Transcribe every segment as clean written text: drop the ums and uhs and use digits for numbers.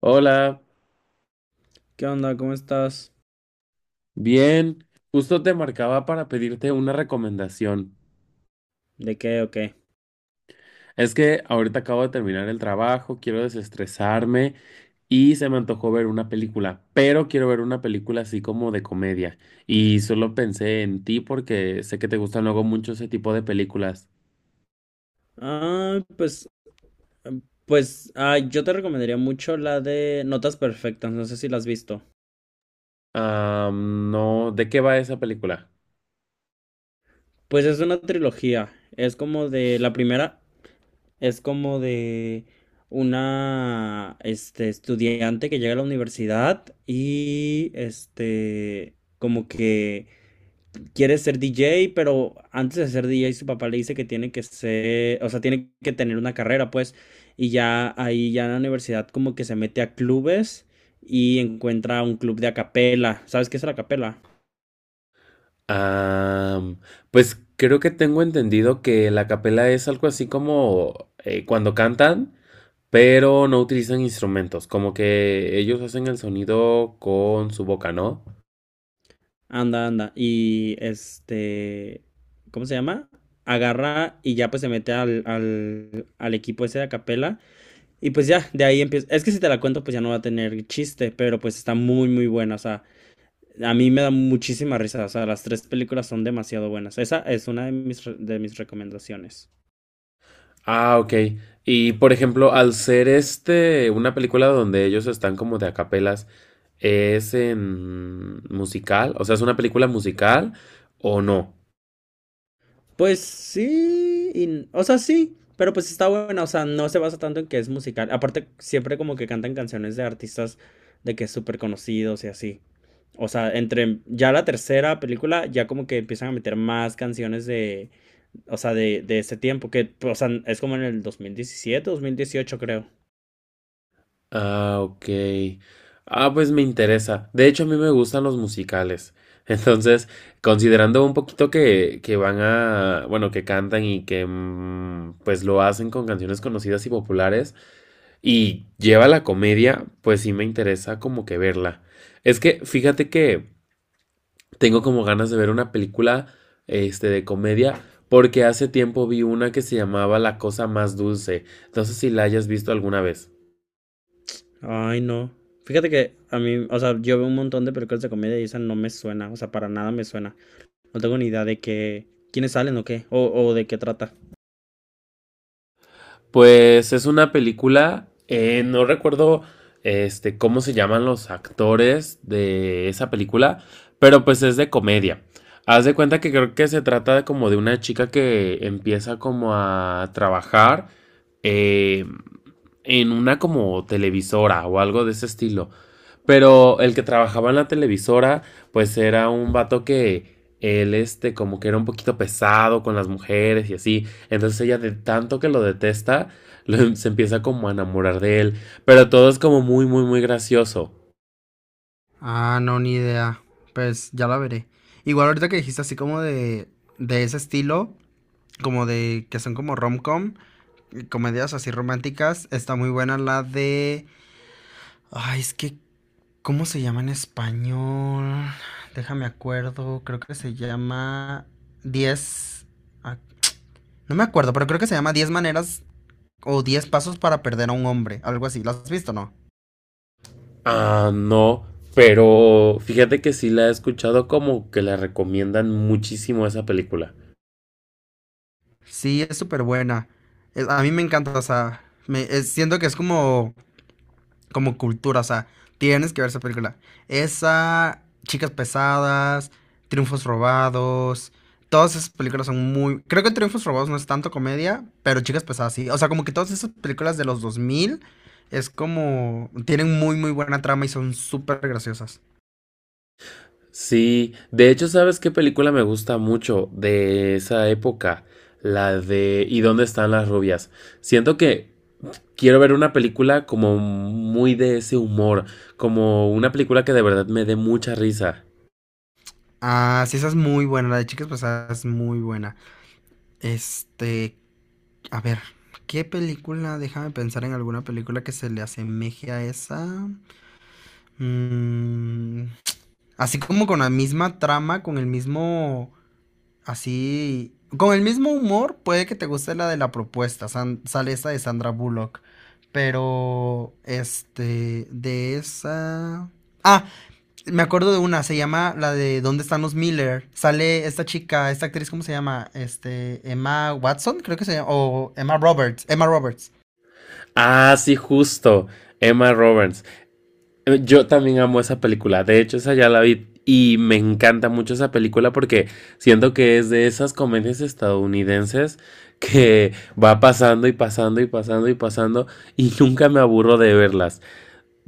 Hola, ¿Qué onda? ¿Cómo estás? bien. Justo te marcaba para pedirte una recomendación. ¿De qué o qué? Es que ahorita acabo de terminar el trabajo, quiero desestresarme y se me antojó ver una película, pero quiero ver una película así como de comedia. Y solo pensé en ti porque sé que te gustan luego mucho ese tipo de películas. Ah, pues, yo te recomendaría mucho la de Notas Perfectas, no sé si la has visto. Ah, no, ¿de qué va esa película? Pues es una trilogía, es como de, la primera es como de una, estudiante que llega a la universidad y, como que quiere ser DJ, pero antes de ser DJ su papá le dice que tiene que ser, o sea, tiene que tener una carrera, pues, y ya ahí ya en la universidad como que se mete a clubes y encuentra un club de acapela. ¿Sabes qué es la acapela? Ah, pues creo que tengo entendido que la capela es algo así como cuando cantan, pero no utilizan instrumentos, como que ellos hacen el sonido con su boca, ¿no? Anda, anda. Y este, ¿cómo se llama? Agarra y ya pues se mete al equipo ese de acapela. Y pues ya, de ahí empieza. Es que si te la cuento, pues ya no va a tener chiste, pero pues está muy, muy buena. O sea, a mí me da muchísima risa, o sea, las tres películas son demasiado buenas. Esa es una de mis, de mis recomendaciones. Ah, ok. Y por ejemplo, al ser una película donde ellos están como de acapelas, ¿es en musical? O sea, ¿es una película musical o no? Pues sí, o sea, sí, pero pues está buena, o sea, no se basa tanto en que es musical. Aparte, siempre como que cantan canciones de artistas de que súper conocidos y así. O sea, entre ya la tercera película, ya como que empiezan a meter más canciones de, o sea, de ese tiempo, que, o sea, es como en el 2017, 2018 creo. Ah, ok. Ah, pues me interesa. De hecho, a mí me gustan los musicales. Entonces, considerando un poquito que van a, bueno, que cantan y que pues lo hacen con canciones conocidas y populares, y lleva la comedia, pues sí me interesa como que verla. Es que fíjate que tengo como ganas de ver una película de comedia porque hace tiempo vi una que se llamaba La Cosa Más Dulce. No sé si la hayas visto alguna vez. Ay, no. Fíjate que a mí, o sea, yo veo un montón de películas de comedia y esa no me suena, o sea, para nada me suena. No tengo ni idea de qué, quiénes salen o qué, o de qué trata. Pues es una película, no recuerdo cómo se llaman los actores de esa película, pero pues es de comedia. Haz de cuenta que creo que se trata de como de una chica que empieza como a trabajar eh, en una como televisora o algo de ese estilo. Pero el que trabajaba en la televisora, pues era un vato que él, como que era un poquito pesado con las mujeres y así. Entonces ella de tanto que lo detesta, se empieza como a enamorar de él. Pero todo es como muy, muy, muy gracioso. Ah, no, ni idea. Pues ya la veré. Igual ahorita que dijiste así como de ese estilo, como de que son como rom-com, comedias así románticas, está muy buena la de... Ay, es que, ¿cómo se llama en español? Déjame acuerdo, creo que se llama 10. ah, No me acuerdo, pero creo que se llama 10 maneras o 10 pasos para perder a un hombre, algo así. ¿Lo has visto, o no? Ah, no. Pero fíjate que sí la he escuchado como que la recomiendan muchísimo esa película. Sí, es súper buena. A mí me encanta, o sea, me, siento que es como, como cultura, o sea, tienes que ver esa película. Esa, Chicas Pesadas, Triunfos Robados, todas esas películas son muy... Creo que Triunfos Robados no es tanto comedia, pero Chicas Pesadas sí. O sea, como que todas esas películas de los 2000 es como... Tienen muy, muy buena trama y son súper graciosas. Sí, de hecho, ¿sabes qué película me gusta mucho de esa época? La de ¿y dónde están las rubias? Siento que quiero ver una película como muy de ese humor, como una película que de verdad me dé mucha risa. Ah, sí, esa es muy buena. La de Chicas Pasadas es muy buena. Este, a ver, ¿qué película? Déjame pensar en alguna película que se le asemeje a esa. Mm, así como con la misma trama, con el mismo, así, con el mismo humor, puede que te guste la de la propuesta. Sale esa de Sandra Bullock. Pero, de esa... Ah, me acuerdo de una, se llama la de ¿Dónde están los Miller? Sale esta chica, esta actriz, ¿cómo se llama? Emma Watson, creo que se llama, o Emma Roberts, Emma Roberts. Ah, sí, justo. Emma Roberts. Yo también amo esa película. De hecho, esa ya la vi y me encanta mucho esa película porque siento que es de esas comedias estadounidenses que va pasando y pasando y pasando y pasando y nunca me aburro de verlas.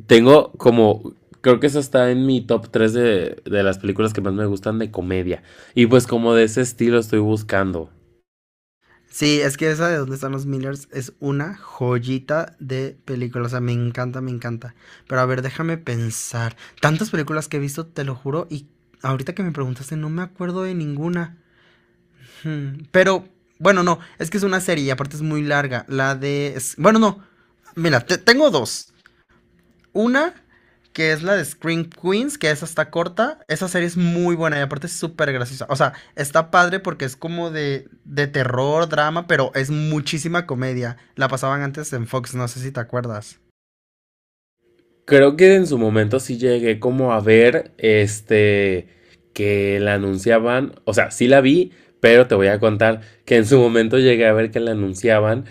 Tengo como... Creo que esa está en mi top 3 de las películas que más me gustan de comedia. Y pues como de ese estilo estoy buscando. Sí, es que esa de ¿Dónde están los Millers? Es una joyita de película, o sea, me encanta, me encanta. Pero a ver, déjame pensar. Tantas películas que he visto, te lo juro, y ahorita que me preguntaste no me acuerdo de ninguna. Pero, bueno, no, es que es una serie y aparte es muy larga. La de... bueno, no, mira, tengo dos. Una, que es la de Scream Queens, que esa está corta. Esa serie es muy buena y aparte es súper graciosa. O sea, está padre porque es como de terror, drama, pero es muchísima comedia. La pasaban antes en Fox, no sé si te acuerdas. Creo que en su momento sí llegué como a ver que la anunciaban, o sea, sí la vi, pero te voy a contar que en su momento llegué a ver que la anunciaban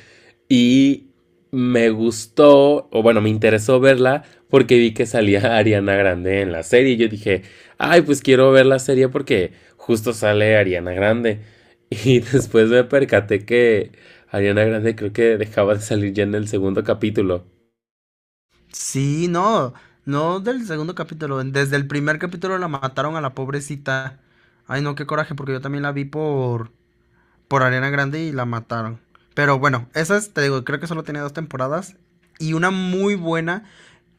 y me gustó, o bueno, me interesó verla porque vi que salía Ariana Grande en la serie y yo dije, ay, pues quiero ver la serie porque justo sale Ariana Grande. Y después me percaté que Ariana Grande creo que dejaba de salir ya en el segundo capítulo. Sí, no, no del segundo capítulo. Desde el primer capítulo la mataron a la pobrecita. Ay, no, qué coraje, porque yo también la vi por Arena Grande y la mataron. Pero bueno, esa es, te digo, creo que solo tenía dos temporadas. Y una muy buena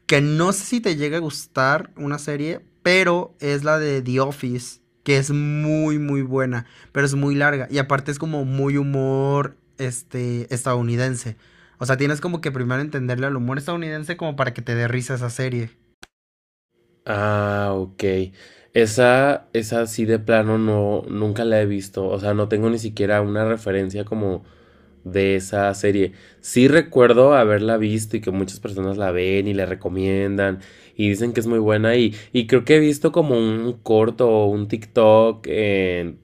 que no sé si te llega a gustar una serie, pero es la de The Office, que es muy, muy buena, pero es muy larga. Y aparte es como muy humor estadounidense. O sea, tienes como que primero entenderle al humor estadounidense como para que te dé risa esa serie. Ah, ok. Esa sí de plano no, nunca la he visto. O sea, no tengo ni siquiera una referencia como de esa serie. Sí recuerdo haberla visto y que muchas personas la ven y la recomiendan y dicen que es muy buena y creo que he visto como un corto o un TikTok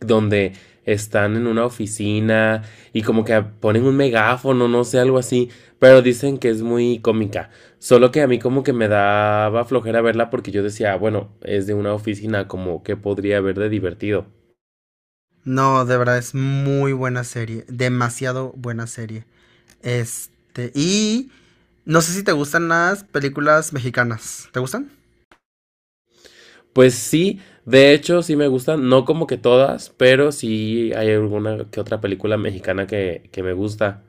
donde están en una oficina y como que ponen un megáfono, no sé, algo así, pero dicen que es muy cómica. Solo que a mí como que me daba flojera verla porque yo decía, bueno, es de una oficina, como que podría haber de divertido. No, de verdad es muy buena serie, demasiado buena serie. Y no sé si te gustan las películas mexicanas. ¿Te gustan? Pues sí, de hecho sí me gustan, no como que todas, pero sí hay alguna que otra película mexicana que me gusta.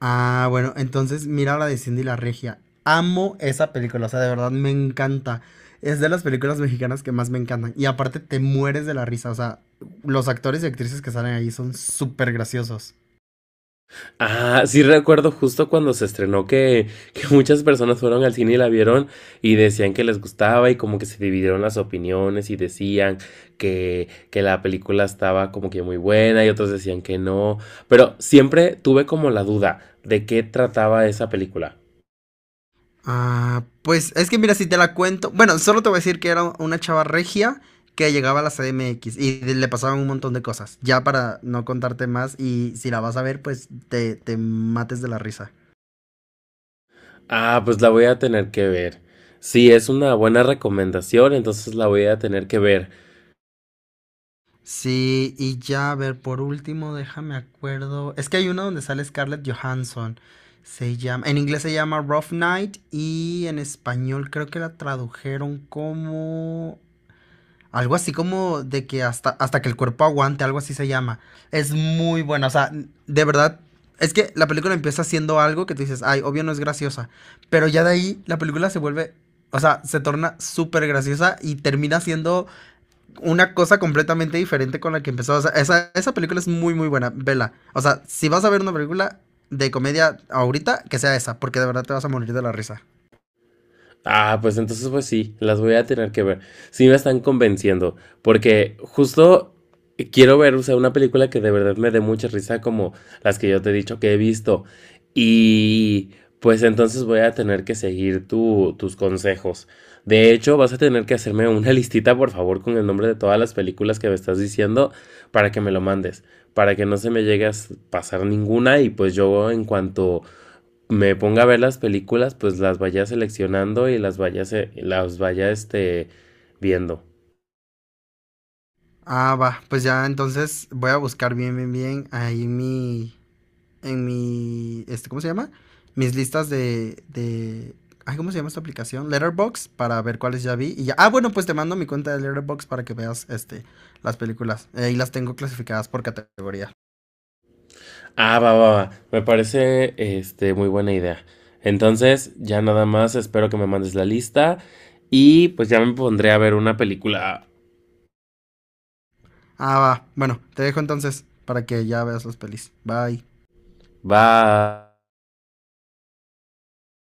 Ah, bueno, entonces mira la de Cindy la Regia. Amo esa película, o sea, de verdad me encanta. Es de las películas mexicanas que más me encantan. Y aparte te mueres de la risa, o sea, los actores y actrices que salen ahí son súper graciosos. Ah, sí recuerdo justo cuando se estrenó que muchas personas fueron al cine y la vieron y decían que les gustaba y como que se dividieron las opiniones y decían que la película estaba como que muy buena y otros decían que no. Pero siempre tuve como la duda de qué trataba esa película. Ah, pues es que mira, si te la cuento, bueno, solo te voy a decir que era una chava regia que llegaba a la CDMX y le pasaban un montón de cosas, ya para no contarte más y si la vas a ver, pues te mates de la risa. Ah, pues la voy a tener que ver. Sí, es una buena recomendación, entonces la voy a tener que ver. Sí, y ya, a ver, por último, déjame acuerdo. Es que hay uno donde sale Scarlett Johansson. Se llama, en inglés se llama Rough Night y en español creo que la tradujeron como algo así como de que hasta, hasta que el cuerpo aguante, algo así se llama. Es muy buena, o sea, de verdad, es que la película empieza haciendo algo que tú dices, ay, obvio no es graciosa, pero ya de ahí la película se vuelve, o sea, se torna súper graciosa y termina siendo una cosa completamente diferente con la que empezó. O sea, esa película es muy, muy buena. Vela. O sea, si vas a ver una película de comedia ahorita, que sea esa, porque de verdad te vas a morir de la risa. Ah, pues entonces pues sí, las voy a tener que ver. Sí me están convenciendo, porque justo quiero ver, o sea, una película que de verdad me dé mucha risa como las que yo te he dicho que he visto. Y pues entonces voy a tener que seguir tus consejos. De hecho, vas a tener que hacerme una listita, por favor, con el nombre de todas las películas que me estás diciendo para que me lo mandes, para que no se me llegue a pasar ninguna y pues yo en cuanto me ponga a ver las películas, pues las vaya seleccionando y las vaya viendo. Ah, va. Pues ya, entonces voy a buscar bien, bien, bien ahí en mi. En mi. ¿Cómo se llama? Mis listas de, ay, ¿cómo se llama esta aplicación? Letterbox para ver cuáles ya vi. Y ya. Ah, bueno, pues te mando mi cuenta de Letterbox para que veas las películas. Ahí las tengo clasificadas por categoría. Ah, va, va, va. Me parece muy buena idea. Entonces, ya nada más espero que me mandes la lista y pues ya me pondré a ver una película. Ah, va. Bueno, te dejo entonces para que ya veas las pelis. Bye. Bye.